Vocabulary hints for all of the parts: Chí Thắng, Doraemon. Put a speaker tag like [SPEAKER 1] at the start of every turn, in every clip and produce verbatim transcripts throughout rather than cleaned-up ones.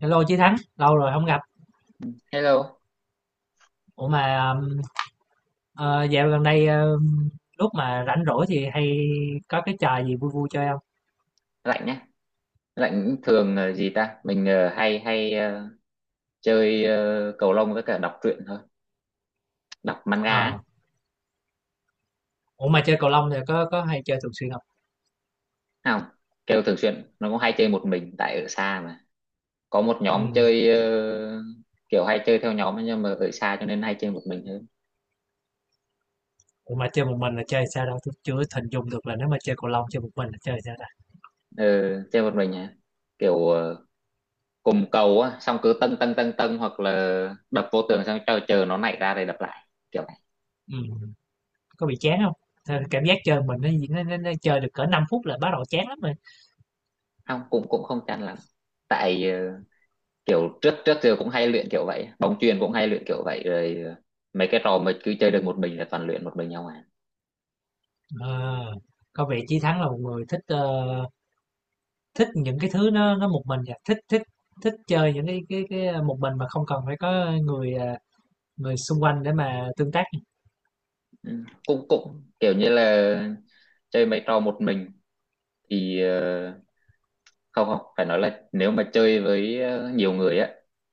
[SPEAKER 1] Hello Chí Thắng, lâu rồi không gặp.
[SPEAKER 2] Hello.
[SPEAKER 1] Ủa mà um, ờ, dạo gần đây um, lúc mà rảnh rỗi thì hay có cái trò gì vui vui chơi không?
[SPEAKER 2] Lạnh nhé. Lạnh thường ờ, gì ta? Mình ờ, hay hay ờ, chơi ờ, cầu lông với cả đọc truyện thôi, đọc manga
[SPEAKER 1] Ờ.
[SPEAKER 2] á.
[SPEAKER 1] Ủa mà chơi cầu lông thì có có hay chơi thường xuyên không?
[SPEAKER 2] Thấy không, kêu thường xuyên. Nó cũng hay chơi một mình tại ở xa mà. Có một nhóm
[SPEAKER 1] Ừ.
[SPEAKER 2] chơi, ờ, kiểu hay chơi theo nhóm ấy, nhưng mà ở xa cho nên hay chơi một mình hơn.
[SPEAKER 1] Ủa mà chơi một mình là chơi sao đâu? Tôi chưa hình dung được là nếu mà chơi cầu lông chơi một mình là chơi sao ta?
[SPEAKER 2] Ờ, chơi một mình hả? Kiểu ờ, cùng cầu á, xong cứ tâng tâng tâng tâng hoặc là đập vô tường xong chờ chờ nó nảy ra rồi đập lại. Kiểu này.
[SPEAKER 1] Ừ. Có bị chán không? Thế, cảm giác chơi mình, nó, nó, nó, nó chơi được cỡ năm phút là bắt đầu chán lắm rồi.
[SPEAKER 2] Không, cũng cũng không chán lắm. Tại ờ, kiểu trước trước giờ cũng hay luyện kiểu vậy, bóng chuyền cũng hay luyện kiểu vậy rồi, ờ, mấy cái trò mà cứ chơi được một mình là toàn luyện một mình nhau à.
[SPEAKER 1] Ờ. Có vẻ Chí Thắng là một người thích ờ, thích những cái thứ nó nó một mình à, thích thích thích chơi những cái cái cái à, một mình mà không cần phải có người à, người xung quanh để mà tương tác.
[SPEAKER 2] Ừ, cũng cũng kiểu như là chơi mấy trò một mình thì ờ, không không phải nói là nếu mà chơi với ờ, nhiều người á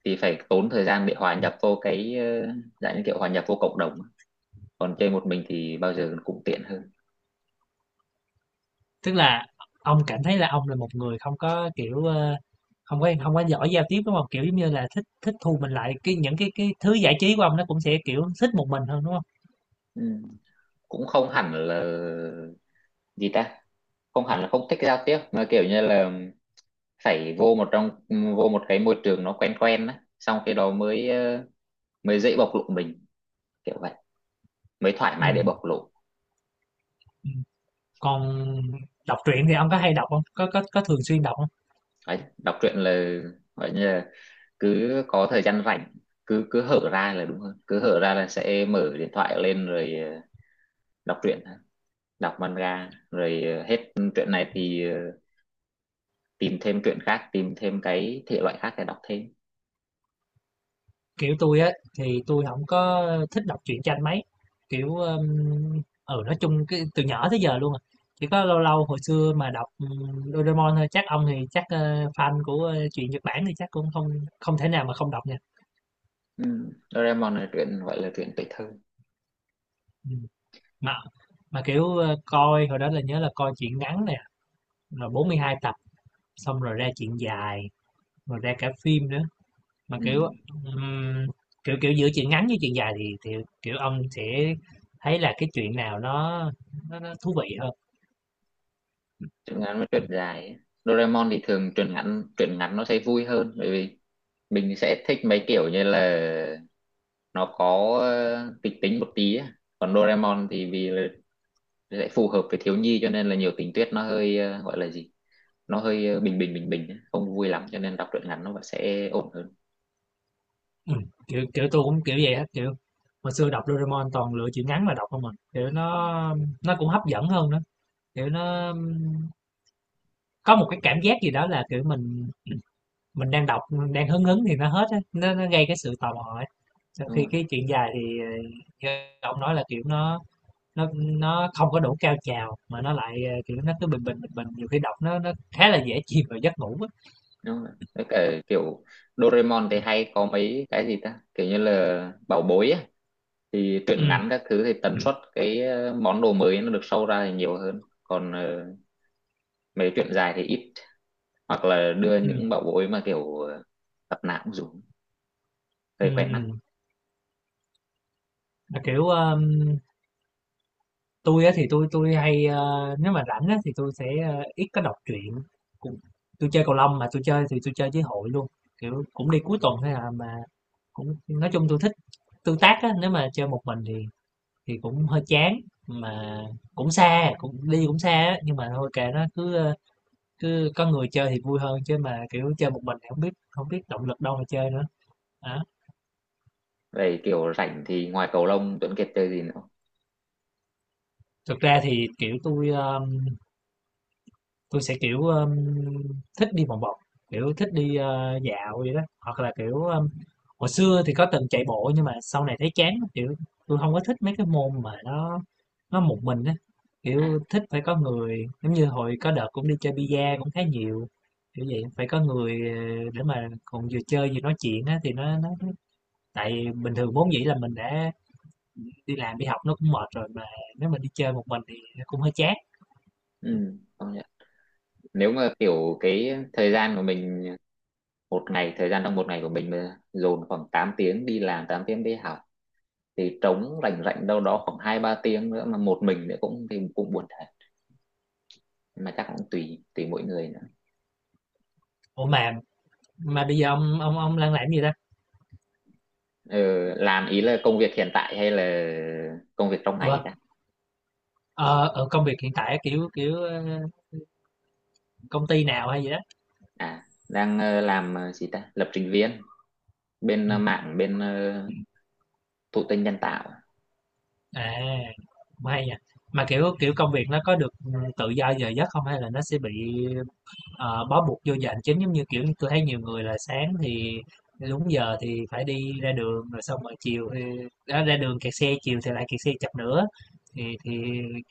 [SPEAKER 2] thì phải tốn thời gian để hòa nhập vô cái, ờ, dạng như kiểu hòa nhập vô cộng đồng, còn chơi một mình thì bao giờ cũng tiện hơn.
[SPEAKER 1] Tức là ông cảm thấy là ông là một người không có kiểu ờ, không có không có giỏi giao tiếp, đúng không, kiểu giống như là thích thích thu mình lại, cái những cái cái thứ giải trí của ông nó cũng sẽ kiểu thích một mình hơn, đúng không?
[SPEAKER 2] Ừ, cũng không hẳn là, gì ta, không hẳn là không thích giao tiếp mà kiểu như là phải vô một trong vô một cái môi trường nó quen quen á, xong cái đó mới ờ, mới dễ bộc lộ mình, kiểu vậy, mới thoải mái để
[SPEAKER 1] Ừ.
[SPEAKER 2] bộc lộ.
[SPEAKER 1] Ừ. Còn đọc truyện thì ông có hay đọc không, có có có thường xuyên đọc?
[SPEAKER 2] Đấy, đọc truyện là gọi như là cứ có thời gian rảnh, cứ cứ hở ra, là đúng hơn, cứ hở ra là sẽ mở điện thoại lên rồi, ờ, đọc truyện, đọc manga, rồi ờ, hết truyện này thì ờ, tìm thêm truyện khác, tìm thêm cái thể loại khác để đọc thêm.
[SPEAKER 1] Kiểu, tôi á, thì tôi không có thích đọc truyện tranh mấy, kiểu, ờm, ừ, nói chung cái từ nhỏ tới giờ luôn à, chỉ có lâu lâu hồi xưa mà đọc, ừm, Doraemon thôi, chắc ông thì chắc, ơ, fan của, ơ, truyện Nhật Bản thì chắc cũng không không thể nào mà không đọc nha.
[SPEAKER 2] Ừ. Doraemon là truyện gọi là truyện tuổi thơ.
[SPEAKER 1] Ừm, mà mà, kiểu, ơ, coi hồi đó là nhớ là coi truyện ngắn nè, rồi bốn mươi hai tập, xong rồi ra truyện dài, rồi ra cả phim nữa. Mà,
[SPEAKER 2] Ừ,
[SPEAKER 1] kiểu, ừm, kiểu, kiểu, giữa chuyện ngắn với chuyện dài thì thì, kiểu, ông sẽ thấy là cái chuyện nào nó nó nó thú vị hơn?
[SPEAKER 2] truyện ngắn với truyện dài ấy. Doraemon thì thường truyện ngắn, truyện ngắn nó sẽ vui hơn, bởi vì mình sẽ thích mấy kiểu như là nó có ờ, kịch tính một tí á. Còn Doraemon thì vì là sẽ phù hợp với thiếu nhi cho nên là nhiều tình tiết nó hơi, ờ, gọi là gì, nó hơi ờ, bình bình bình bình á, không vui lắm, cho nên đọc truyện ngắn nó vẫn sẽ ổn hơn,
[SPEAKER 1] Ừm, kiểu, kiểu, tôi cũng kiểu vậy á, kiểu, hồi xưa đọc Doraemon toàn lựa chuyện ngắn mà đọc không, mình kiểu, nó nó cũng hấp dẫn hơn nữa, kiểu, nó có một cái cảm giác gì đó là, kiểu, mình mình đang đọc, mình đang hứng hứng thì nó hết á, nó nó gây cái sự tò mò ấy. Trong
[SPEAKER 2] đúng
[SPEAKER 1] khi
[SPEAKER 2] không.
[SPEAKER 1] cái chuyện dài thì, ờ, như ông nói là, kiểu, nó nó nó không có đủ cao trào mà nó lại, ờ, kiểu, nó cứ bình bình, bình bình, nhiều khi đọc nó nó khá là dễ chìm vào giấc ngủ á.
[SPEAKER 2] Đúng rồi, với cả kiểu Doraemon thì hay có mấy cái, gì ta, kiểu như là bảo bối á, thì truyện
[SPEAKER 1] Ừm.
[SPEAKER 2] ngắn các thứ thì tần
[SPEAKER 1] Ừm.
[SPEAKER 2] suất cái ờ, món đồ mới nó được sâu ra thì nhiều hơn, còn ờ, mấy truyện dài thì ít, hoặc là đưa
[SPEAKER 1] Ừm,
[SPEAKER 2] những bảo bối mà kiểu ờ, tập nào cũng dùng hơi
[SPEAKER 1] ừm,
[SPEAKER 2] quen mắt.
[SPEAKER 1] ừm. Mà, kiểu, ờm, tui á thì tôi tôi hay, ơ, nếu mà rảnh á thì tôi sẽ, ơ, ít có đọc truyện, cũng tôi chơi cầu lông mà tôi chơi thì tôi chơi với hội luôn, kiểu, cũng đi cuối tuần thôi là mà cũng nói chung tôi thích tương tác á, nếu mà chơi một mình thì thì cũng hơi chán, mà cũng xa, cũng đi cũng xa á, nhưng mà thôi kệ nó, cứ, ờ, Cứ có người chơi thì vui hơn chứ mà, kiểu, chơi một mình thì hổng biết không biết động lực đâu mà chơi nữa, á.
[SPEAKER 2] Về kiểu rảnh thì ngoài cầu lông, Tuấn Kiệt chơi gì nữa?
[SPEAKER 1] Thực ra thì, kiểu, tôi ơ, tui sẽ, kiểu, ơ, thích đi vòng vòng, kiểu, thích đi, ơ, dạo vậy đó, hoặc là, kiểu, ơ, hồi xưa thì có từng chạy bộ nhưng mà sau này thấy chán lắm, kiểu, tôi không có thích mấy cái môn mà nó nó một mình á,
[SPEAKER 2] À,
[SPEAKER 1] kiểu, thích phải có người. Giống như hồi có đợt cũng đi chơi bi-a cũng khá nhiều, kiểu vậy, phải có người, ờ, để mà còn vừa chơi vừa nói chuyện á thì nó nó tại bình thường vốn dĩ là mình đã đi làm đi học nó cũng mệt rồi, mà nếu mà đi chơi một mình thì nó cũng hơi chán.
[SPEAKER 2] ừ, công nhận. Nếu mà kiểu cái thời gian của mình một ngày, thời gian trong một ngày của mình mà dồn khoảng tám tiếng đi làm, tám tiếng đi học, thì trống rảnh rảnh đâu đó khoảng hai ba tiếng nữa mà một mình nữa cũng thì cũng buồn thật. Nhưng mà chắc cũng tùy tùy mỗi người nữa.
[SPEAKER 1] Ủa mà mà bây giờ ông ông ông đang làm gì ta?
[SPEAKER 2] Ừ, làm ý là công việc hiện tại hay là công việc trong
[SPEAKER 1] Ủa,
[SPEAKER 2] ngày ta?
[SPEAKER 1] ờ, ờ, công việc hiện tại kiểu kiểu ờ, công ty nào hay gì đó?
[SPEAKER 2] À, đang ờ, làm ờ, gì ta, lập trình viên bên ờ,
[SPEAKER 1] Ừm,
[SPEAKER 2] mạng, bên ờ, thụ tinh nhân tạo.
[SPEAKER 1] à, cũng hay nha. Mà kiểu kiểu công việc nó có được ừ, tự do giờ giấc không hay là nó sẽ bị ờ, bó buộc vô giờ hành chính giống như kiểu tôi thấy nhiều người là sáng thì đúng giờ thì phải đi ra đường rồi xong rồi chiều thì đó, ra đường kẹt xe, chiều thì lại kẹt xe chập nữa thì thì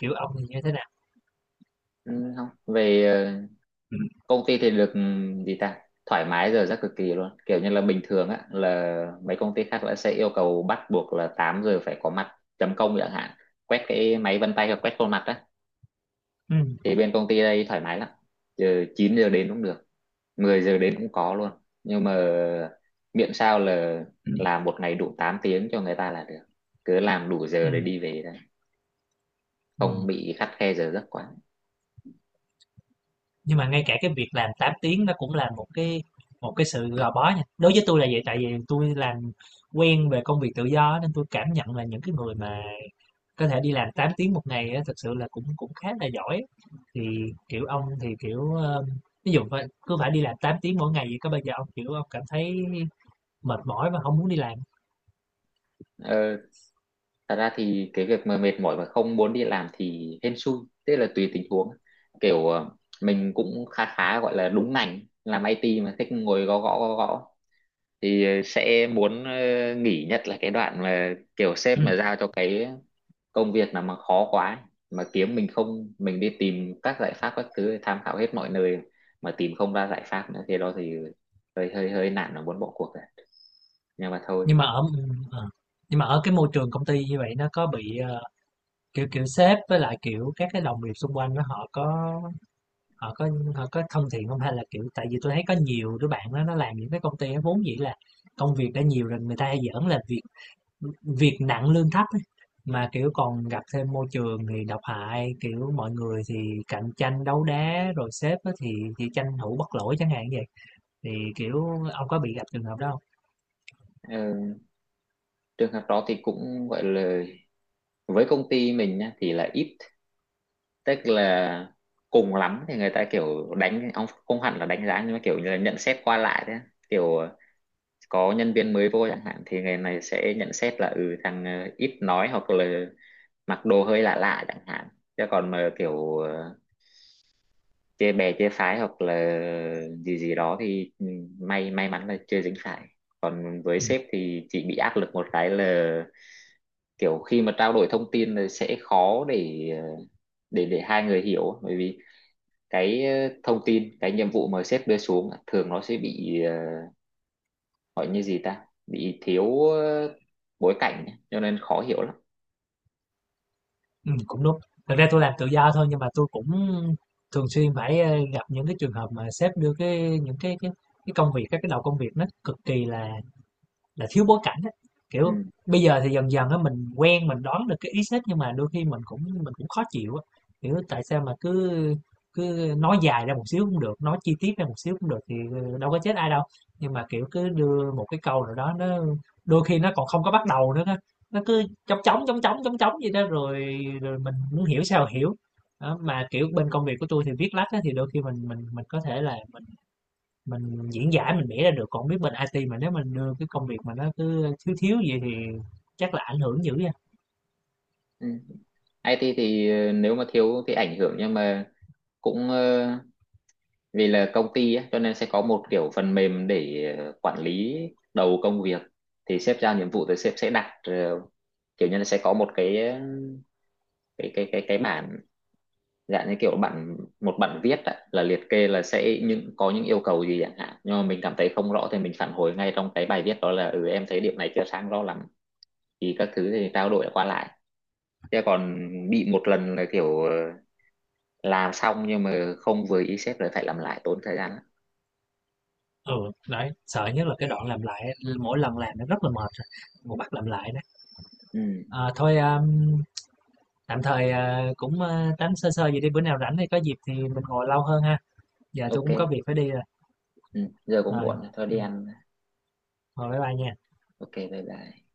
[SPEAKER 1] kiểu ông thì như thế nào?
[SPEAKER 2] Ừ, không, về ờ, công ty thì được, ừ, gì ta, thoải mái giờ rất cực kỳ luôn, kiểu như là bình thường á là mấy công ty khác là sẽ yêu cầu bắt buộc là tám giờ phải có mặt chấm công chẳng hạn, quét cái máy vân tay hoặc quét khuôn mặt á.
[SPEAKER 1] Ừ.
[SPEAKER 2] Thì bên công ty đây thoải mái lắm, giờ chín giờ đến cũng được, mười giờ đến cũng có luôn, nhưng mà miễn sao là
[SPEAKER 1] Ừm.
[SPEAKER 2] làm một ngày đủ tám tiếng cho người ta là được, cứ làm đủ giờ để
[SPEAKER 1] Ừm,
[SPEAKER 2] đi về thôi, không
[SPEAKER 1] ừm.
[SPEAKER 2] bị khắt khe giờ giấc quá.
[SPEAKER 1] Nhưng mà ngay cả cái việc làm tám tiếng nó cũng là một cái một cái sự gò bó nha. Đối với tôi là vậy, tại vì tôi làm quen về công việc tự do, nên tôi cảm nhận là những cái người mà có thể đi làm tám tiếng một ngày á, thực sự là cũng cũng khá là giỏi. Thì, kiểu, ông thì, kiểu, ơ, ví dụ phải cứ phải đi làm tám tiếng mỗi ngày vậy, có bao giờ ông, kiểu, ông cảm thấy mệt mỏi và không muốn đi làm?
[SPEAKER 2] Ờ, thật ra thì cái việc mà mệt mỏi mà không muốn đi làm thì hên xui, tức là tùy tình huống, kiểu ờ, mình cũng khá khá gọi là đúng ngành, làm i tê mà thích ngồi gõ gõ gõ gõ thì ờ, sẽ muốn ờ, nghỉ, nhất là cái đoạn mà kiểu sếp mà giao cho cái công việc nào mà khó quá ấy, mà kiếm mình không, mình đi tìm các giải pháp các thứ tham khảo hết mọi nơi mà tìm không ra giải pháp nữa thì đó thì hơi hơi hơi nản và muốn bỏ cuộc rồi, nhưng mà thôi.
[SPEAKER 1] Nhưng mà ở ờ, nhưng mà ở cái môi trường công ty như vậy, nó có bị, ờ, kiểu kiểu, sếp với lại, kiểu, các cái đồng nghiệp xung quanh, nó họ có Họ có họ có thân thiện không? Hay là, kiểu tại vì tôi thấy có nhiều đứa bạn á, nó làm những cái công ty á, vốn dĩ là công việc đã nhiều rồi, người ta hay giỡn là việc việc nặng lương thấp ấy, mà, kiểu, còn gặp thêm môi trường thì độc hại, kiểu, mọi người thì cạnh tranh đấu đá, rồi sếp á thì thì tranh thủ bất lỗi chẳng hạn vậy. Thì, kiểu, ông có bị gặp trường hợp đó hông?
[SPEAKER 2] Ờ, trường hợp đó thì cũng gọi là, với công ty mình nhá, thì là ít, tức là cùng lắm thì người ta kiểu đánh ông, không hẳn là đánh giá nhưng mà kiểu như là nhận xét qua lại thế, kiểu ờ, có nhân viên mới vô chẳng hạn thì người này sẽ nhận xét là ừ thằng ờ, ít nói hoặc là mặc đồ hơi lạ lạ chẳng hạn, chứ còn mà kiểu ờ, chê bè chê phái hoặc là gì gì đó thì ừ, may may mắn là chưa dính phải. Với
[SPEAKER 1] Ừm.
[SPEAKER 2] sếp thì chị bị áp lực một cái là kiểu khi mà trao đổi thông tin là sẽ khó để ờ, để để hai người hiểu, bởi vì cái ờ, thông tin cái nhiệm vụ mà sếp đưa xuống thường nó sẽ bị, ờ, gọi như gì ta, bị thiếu ờ, bối cảnh ấy, cho nên khó hiểu lắm.
[SPEAKER 1] Ừm, cũng đúng. Thực ra tôi làm tự do thôi nhưng mà tôi cũng thường xuyên phải, ơ, gặp những cái trường hợp mà sếp đưa cái những cái cái cái công việc, các cái đầu công việc nó cực kỳ là là thiếu bối cảnh á. Kiểu,
[SPEAKER 2] Ừ.
[SPEAKER 1] bây giờ thì dần dần á mình quen, mình đoán được cái ý sách, nhưng mà đôi khi mình cũng mình cũng khó chịu á. Kiểu, tại sao mà cứ cứ nói dài ra một xíu cũng được, nói chi tiết ra một xíu cũng được thì đâu có chết ai đâu. Nhưng mà, kiểu, cứ đưa một cái câu nào đó, nó đôi khi nó còn không có bắt đầu nữa á, nó cứ chóng chóng, chóng chóng, chóng chóng vậy đó, rồi rồi mình muốn hiểu sao hiểu. Đó, mà, kiểu, bên công việc của tôi thì viết lách á thì đôi khi mình mình mình có thể là mình mình diễn giải, mình vẽ ra được, còn không biết bên i tê mà nếu mình đưa cái công việc mà nó cứ thiếu thiếu vậy thì chắc là ảnh hưởng dữ nha.
[SPEAKER 2] Ừ. i tê thì ờ, nếu mà thiếu thì ảnh hưởng, nhưng mà cũng ờ, vì là công ty á, cho nên sẽ có một kiểu phần mềm để ờ, quản lý đầu công việc, thì sếp giao nhiệm vụ thì sếp sẽ đặt ờ, kiểu như là sẽ có một cái, ờ, cái cái cái cái bản, dạng như kiểu bản, một bản viết ạ, là liệt kê là sẽ những có những yêu cầu gì chẳng hạn, nhưng mà mình cảm thấy không rõ thì mình phản hồi ngay trong cái bài viết đó là ừ em thấy điểm này chưa sáng rõ lắm, thì các thứ thì trao đổi qua lại, chứ còn bị một lần là kiểu ờ, làm xong nhưng mà không vừa ý sếp rồi phải làm lại tốn thời gian lắm.
[SPEAKER 1] Ừ, đấy sợ nhất là cái đoạn làm lại, mỗi lần làm nó rất là mệt rồi, một bắt làm lại đó.
[SPEAKER 2] Ừ.
[SPEAKER 1] À, thôi um, tạm thời à, cũng à, tám sơ sơ vậy đi, bữa nào rảnh thì có dịp thì mình ngồi lâu hơn ha. Giờ tôi
[SPEAKER 2] Ok.
[SPEAKER 1] cũng có việc phải đi rồi
[SPEAKER 2] Ừ, giờ cũng
[SPEAKER 1] rồi
[SPEAKER 2] muộn rồi, thôi đi
[SPEAKER 1] Ừ,
[SPEAKER 2] ăn.
[SPEAKER 1] thôi bye bye nha.
[SPEAKER 2] Ok, bye bye.